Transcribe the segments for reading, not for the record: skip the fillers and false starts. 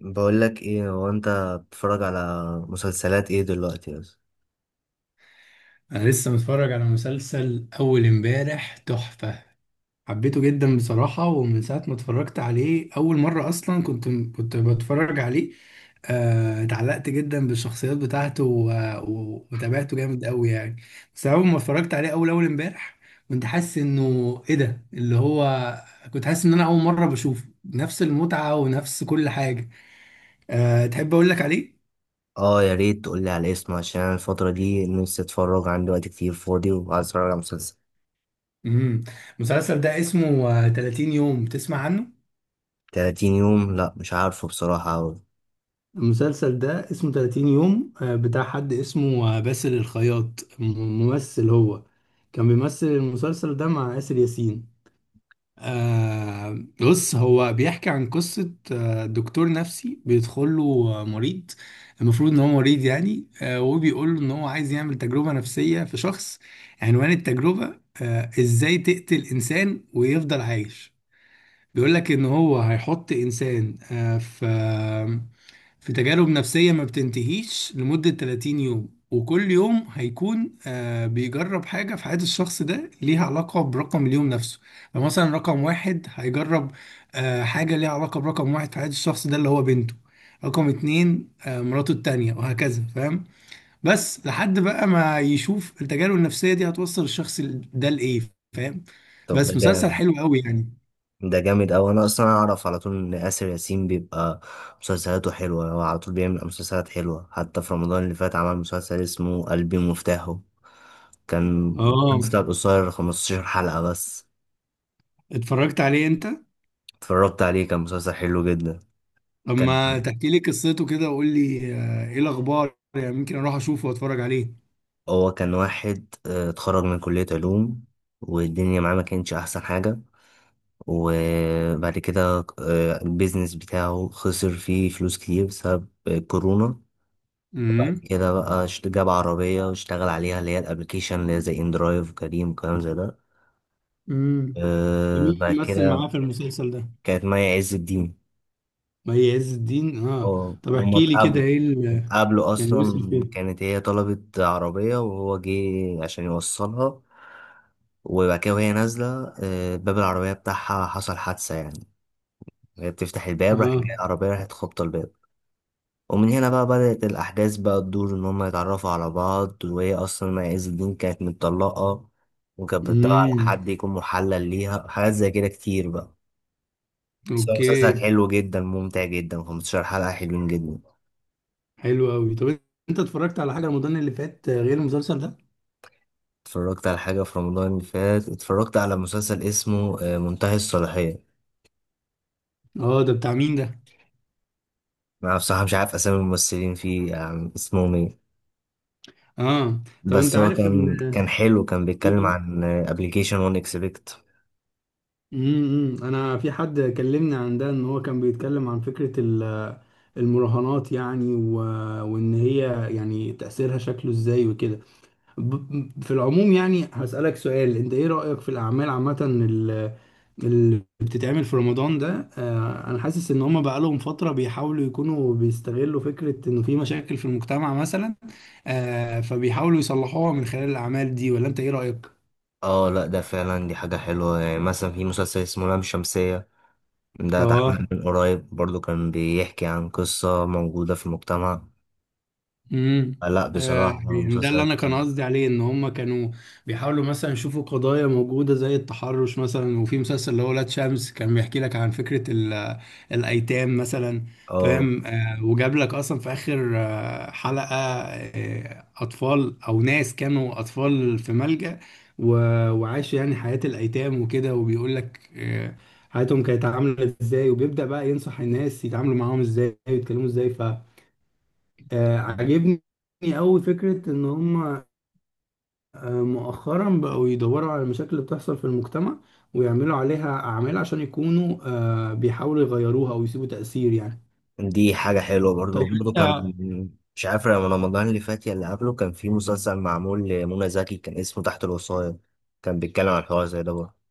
بقول لك ايه. هو انت بتتفرج على مسلسلات ايه دلوقتي؟ بس انا لسه متفرج على مسلسل اول امبارح تحفة. حبيته جدا بصراحة، ومن ساعة ما اتفرجت عليه اول مرة اصلا كنت بتفرج عليه. اتعلقت جدا بالشخصيات بتاعته وتابعته جامد قوي يعني. بس اول ما اتفرجت عليه اول امبارح كنت حاسس انه ايه ده اللي هو، كنت حاسس ان انا اول مرة بشوفه نفس المتعة ونفس كل حاجة. تحب اقول لك عليه؟ اه، يا ريت تقول لي على اسمه عشان انا الفتره دي نفسي اتفرج، عندي وقت كتير فاضي وعايز اتفرج على مسلسل. امم المسلسل ده اسمه 30 يوم، تسمع عنه؟ 30 يوم؟ لا مش عارفه بصراحه أوي. المسلسل ده اسمه 30 يوم، بتاع حد اسمه باسل الخياط، ممثل هو. كان بيمثل المسلسل ده مع آسر ياسين. بص، هو بيحكي عن قصة دكتور نفسي بيدخل له مريض. المفروض ان هو مريض يعني، وبيقول له ان هو عايز يعمل تجربة نفسية في شخص. عنوان التجربة ازاي تقتل انسان ويفضل عايش. بيقول لك ان هو هيحط انسان في تجارب نفسية ما بتنتهيش لمدة 30 يوم، وكل يوم هيكون بيجرب حاجة في حياة الشخص ده ليها علاقة برقم اليوم نفسه. فمثلا رقم واحد هيجرب حاجة ليها علاقة برقم واحد في حياة الشخص ده، اللي هو بنته. رقم اتنين مراته التانية، وهكذا، فاهم. بس لحد بقى ما يشوف التجارب النفسية دي هتوصل الشخص ده لإيه، فاهم. طب ده بس مسلسل جامد. حلو قوي يعني. ده جامد اوي، انا اصلا اعرف على طول ان اسر ياسين بيبقى مسلسلاته حلوه، هو على طول بيعمل مسلسلات حلوه، حتى في رمضان اللي فات عمل مسلسل اسمه قلبي مفتاحه، كان اه، مسلسل قصير 15 حلقه بس. اتفرجت عليه انت؟ اتفرجت عليه، كان مسلسل حلو جدا. طب كان، ما تحكي لي قصته كده، وقول لي ايه الاخبار يعني، ممكن اروح اشوفه واتفرج عليه. هو كان واحد اتخرج من كلية علوم والدنيا معاه ما كانتش أحسن حاجة، وبعد كده البيزنس بتاعه خسر فيه فلوس كتير بسبب كورونا، وبعد امم كده بقى جاب عربية واشتغل عليها اللي هي الأبليكيشن اللي هي زي إندرايف وكريم وكلام زي ده. امم طب مين بعد اللي مثل كده معاه في المسلسل ده؟ كانت مي عز الدين. مي عز الدين، اه. اه طب هما احكي لي كده اتقابلوا، ايه اتقابلوا يعني وصل اصلا فين؟ كانت هي طلبت عربية وهو جه عشان يوصلها، وبعد كده وهي نازلة باب العربية بتاعها حصل حادثة يعني، هي بتفتح الباب راح اه. جاي العربية راحت خبطة الباب. ومن هنا بقى بدأت الأحداث بقى تدور إن هما يتعرفوا على بعض، وهي أصلا ما عز الدين كانت متطلقة، وكانت بتدور على امم حد يكون محلل ليها حاجات زي كده كتير بقى. بس هو مسلسل اوكي. حلو جدا ممتع جدا، 15 حلقة حلوين جدا. حلو قوي، طب انت اتفرجت على حاجه رمضان اللي فات غير المسلسل ده؟ اتفرجت على حاجة في رمضان اللي فات، اتفرجت على مسلسل اسمه منتهي الصلاحية. اه، ده بتاع مين ده؟ أنا بصراحة مش عارف أسامي الممثلين فيه يعني اسمهم إيه، اه، طب انت بس هو عارف ان. كان حلو، كان بيتكلم عن ابلكيشن وان اكسبكت. انا في حد كلمني عن ده، ان هو كان بيتكلم عن فكرة المراهنات يعني، وان هي يعني تأثيرها شكله ازاي وكده. في العموم يعني هسألك سؤال، انت ايه رأيك في الاعمال عامة اللي بتتعمل في رمضان ده؟ انا حاسس ان هم بقالهم فترة بيحاولوا يكونوا بيستغلوا فكرة انه في مشاكل في المجتمع مثلا، فبيحاولوا يصلحوها من خلال الاعمال دي، ولا انت ايه رأيك؟ اه لا، ده فعلا دي حاجة حلوة، يعني مثلا في مسلسل اسمه لام شمسية، ده اتعمل اه. من قريب برضو، كان بيحكي عن قصة موجودة في المجتمع. امم لا بصراحة يعني ده اللي مسلسل انا كان حلو. قصدي عليه، ان هم كانوا بيحاولوا مثلا يشوفوا قضايا موجوده زي التحرش مثلا، وفي مسلسل اللي هو ولاد شمس كان بيحكي لك عن فكره الايتام مثلا. اه فاهم، وجاب لك اصلا في اخر حلقه اطفال او ناس كانوا اطفال في ملجأ، وعاشوا يعني حياه الايتام وكده، وبيقول لك حياتهم كانت عامله ازاي، وبيبدأ بقى ينصح الناس يتعاملوا معاهم ازاي ويتكلموا ازاي. عاجبني أوي فكرة إن هما مؤخرا بقوا يدوروا على المشاكل اللي بتحصل في المجتمع، ويعملوا عليها أعمال عشان يكونوا بيحاولوا يغيروها أو يسيبوا تأثير يعني. دي حاجة حلوة طيب برضو. برضو كان، أنت. مش عارف رمضان اللي فات يا اللي قبله، كان في مسلسل معمول لمنى زكي كان اسمه تحت الوصاية، كان بيتكلم عن حوار زي ده برضه.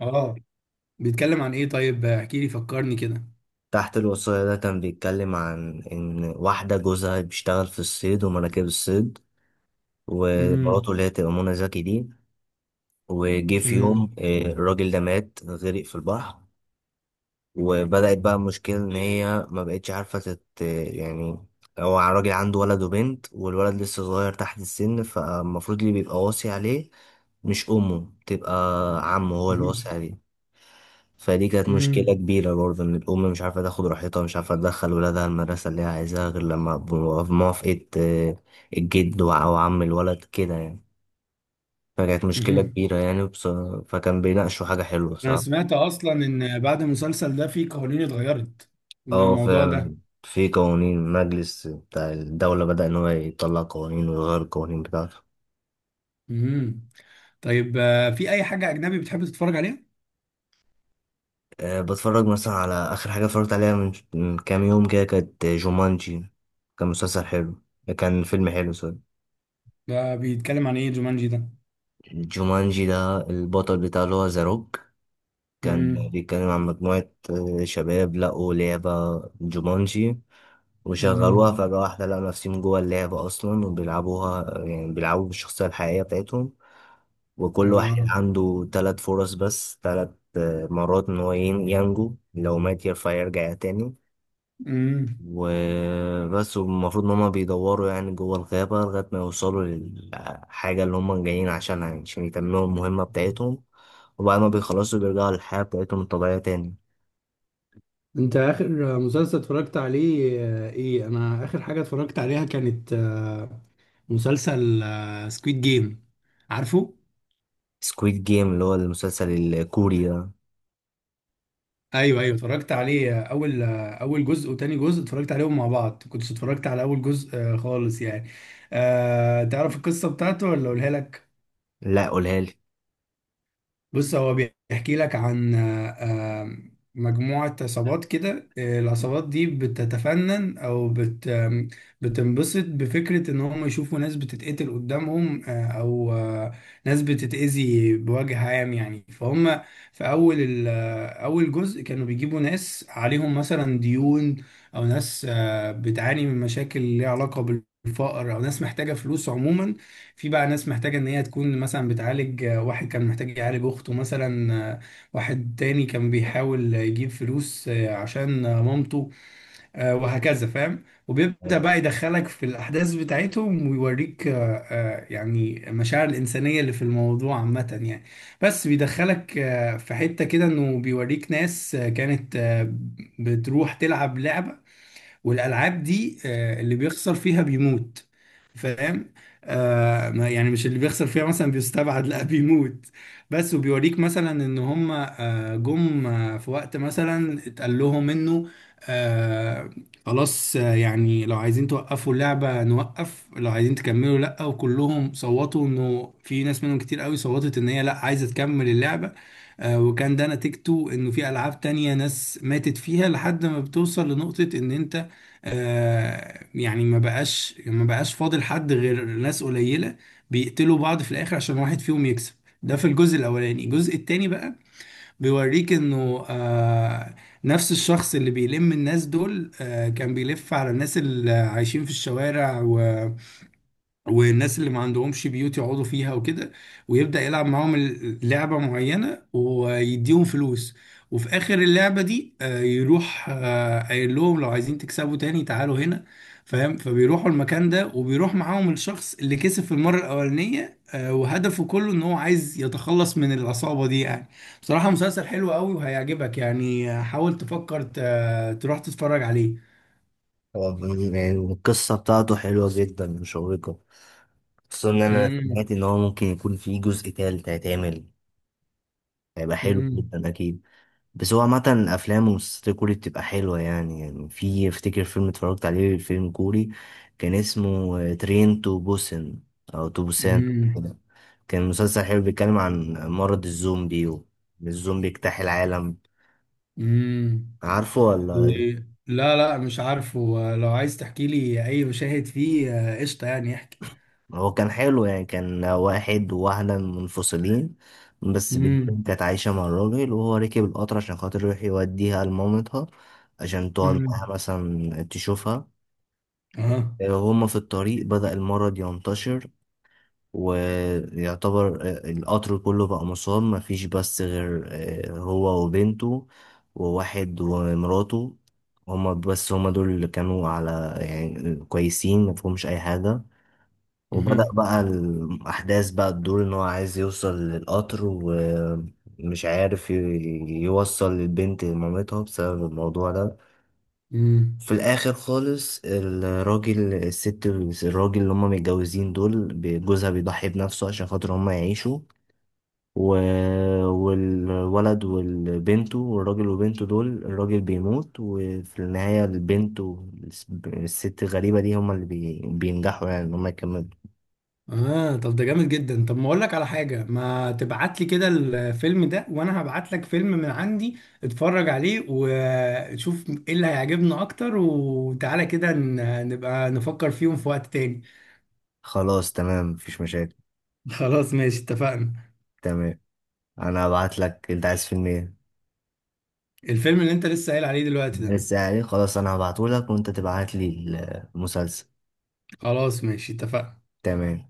آه بيتكلم عن إيه طيب، احكي لي فكرني كده. تحت الوصاية ده كان بيتكلم عن إن واحدة جوزها بيشتغل في الصيد ومراكب الصيد، ومراته امم اللي هي تبقى منى زكي دي، وجه في يوم امم الراجل ده مات غرق في البحر. وبدأت بقى المشكلة إن هي ما بقتش عارفة يعني، هو الراجل عنده ولد وبنت، والولد لسه صغير تحت السن، فالمفروض اللي بيبقى واصي عليه مش أمه، بتبقى عمه هو اللي واصي امم عليه. فدي كانت مشكلة كبيرة برضه، إن الأم مش عارفة تاخد راحتها، مش عارفة تدخل ولادها المدرسة اللي هي عايزاها غير لما بموافقة الجد أو عم الولد كده يعني، فكانت مشكلة امم كبيرة يعني فكان بيناقشوا حاجة حلوة أنا بصراحة. سمعت أصلا إن بعد المسلسل ده في قوانين اتغيرت اه للموضوع فعلا، ده. في قوانين مجلس بتاع الدولة بدأ إن هو يطلع قوانين ويغير القوانين بتاعته. امم طيب في أي حاجة أجنبي بتحب تتفرج عليها؟ أه بتفرج مثلا على آخر حاجة اتفرجت عليها من كام يوم كده كانت جومانجي، كان مسلسل حلو، كان فيلم حلو سوري. ده بيتكلم عن ايه جومانجي ده؟ جومانجي ده البطل بتاعه اللي هو ذا روك، كان امم بيتكلم عن مجموعة شباب لقوا لعبة جومانجي وشغلوها امم فجأة واحدة، لقوا نفسهم جوه اللعبة أصلا وبيلعبوها، يعني بيلعبوا بالشخصية الحقيقية بتاعتهم. وكل واحد اه. عنده ثلاث فرص، بس ثلاث مرات ان هو ينجو، لو مات يرفع يرجع تاني، امم وبس. والمفروض ان هما بيدوروا يعني جوه الغابة لغاية ما يوصلوا للحاجة اللي هما جايين عشانها، يعني عشان يتمموا المهمة بتاعتهم، وبعد ما بيخلصوا بيرجعوا للحياة بتاعتهم الطبيعية تاني. انت اخر مسلسل اتفرجت عليه ايه؟ انا اخر حاجة اتفرجت عليها كانت مسلسل سكويد جيم، عارفه. سكويد جيم اللي هو المسلسل الكوري ده؟ ايوه، ايوه، اتفرجت عليه. اول اول جزء وتاني جزء اتفرجت عليهم مع بعض، كنت اتفرجت على اول جزء خالص يعني. تعرف القصة بتاعته ولا اقولها لك؟ لا قولها لي. بص، هو بيحكي لك عن مجموعة عصابات كده. العصابات دي بتتفنن أو بت آم، بتنبسط بفكرة إن هم يشوفوا ناس بتتقتل قدامهم، أو ناس بتتأذي بوجه عام يعني، فهم في أول أول جزء كانوا بيجيبوا ناس عليهم مثلا ديون، أو ناس بتعاني من مشاكل ليها علاقة بالفقر، أو ناس محتاجة فلوس عموما. في بقى ناس محتاجة إن هي تكون مثلا بتعالج، واحد كان محتاج يعالج أخته مثلا، واحد تاني كان بيحاول يجيب فلوس عشان مامته، وهكذا، فاهم. وبيبدأ بقى يدخلك في الأحداث بتاعتهم ويوريك يعني المشاعر الإنسانية اللي في الموضوع عامة يعني. بس بيدخلك في حتة كده، إنه بيوريك ناس كانت بتروح تلعب لعبة، والالعاب دي اللي بيخسر فيها بيموت، فاهم. يعني مش اللي بيخسر فيها مثلا بيستبعد، لا، بيموت بس. وبيوريك مثلا ان هم جم في وقت مثلا اتقال لهم انه آه خلاص، يعني لو عايزين توقفوا اللعبة نوقف، لو عايزين تكملوا لا، وكلهم صوتوا انه في ناس منهم كتير قوي صوتت ان هي لا عايزة تكمل اللعبة. وكان ده نتيجته انه في العاب تانية ناس ماتت فيها لحد ما بتوصل لنقطة ان انت يعني ما بقاش فاضل حد غير ناس قليلة بيقتلوا بعض في الآخر عشان واحد فيهم يكسب. ده في الجزء الأولاني. الجزء التاني بقى بيوريك إنه نفس الشخص اللي بيلم الناس دول كان بيلف على الناس اللي عايشين في الشوارع والناس اللي ما عندهمش بيوت يقعدوا فيها وكده، ويبدأ يلعب معاهم لعبة معينة ويديهم فلوس. وفي آخر اللعبة دي يروح قايل لهم لو عايزين تكسبوا تاني تعالوا هنا، فاهم. فبيروحوا المكان ده، وبيروح معاهم الشخص اللي كسب في المرة الأولانية، وهدفه كله إن هو عايز يتخلص من العصابة دي يعني. بصراحة مسلسل حلو قوي وهيعجبك يعني. حاول تفكر تروح تتفرج عليه. هو يعني القصة بتاعته حلوة جدا مشوقة، خصوصا إن أنا امم سمعت إن هو ممكن يكون في جزء تالت هيتعمل، هيبقى حلو امم جدا اكيد. بس هو عامة افلام ومسلسلات الكوري بتبقى حلوة يعني، يعني في افتكر فيلم اتفرجت عليه، فيلم كوري كان اسمه ترين تو بوسن او تو بوسان امم كده. كان مسلسل حلو، بيتكلم عن مرض الزومبي، وان الزومبي اجتاح العالم. امم. عارفه ولا ايه؟ إيه. لا، لا، مش عارفه. لو عايز تحكي لي اي مشاهد فيه قشطه، يعني احكي. هو كان حلو يعني، كان واحد وواحدة منفصلين، بس بنتهم امم كانت عايشة مع الراجل، وهو ركب القطر عشان خاطر يروح يوديها لمامتها، عشان تقعد معاها امم مثلا تشوفها. اه. هما في الطريق بدأ المرض ينتشر، ويعتبر القطر كله بقى مصاب، مفيش بس غير هو وبنته، وواحد ومراته، هما بس، هما دول اللي كانوا على يعني كويسين مفهومش أي حاجة. وبدأ امم بقى الأحداث بقى تدور إن هو عايز يوصل للقطر، ومش عارف يوصل البنت لمامتها بسبب الموضوع ده. امم في الاخر خالص الراجل، الست، الراجل اللي هما متجوزين دول، جوزها بيضحي بنفسه عشان خاطر هما يعيشوا، و... والولد والبنت، والراجل وبنته دول الراجل بيموت، وفي النهاية البنت والست الغريبة دي هما اللي بينجحوا يعني ان هما يكملوا. اه، طب ده جامد جدا. طب ما اقول لك على حاجه، ما تبعت لي كده الفيلم ده وانا هبعت لك فيلم من عندي، اتفرج عليه وشوف ايه اللي هيعجبنا اكتر، وتعالى كده نبقى نفكر فيهم في وقت تاني. خلاص تمام مفيش مشاكل. خلاص ماشي اتفقنا. تمام، انا هبعت لك. انت عايز فيلم ايه؟ الفيلم اللي انت لسه قايل عليه دلوقتي ده. لسه؟ يعني خلاص انا هبعته لك وانت تبعت لي المسلسل. خلاص ماشي اتفقنا. تمام.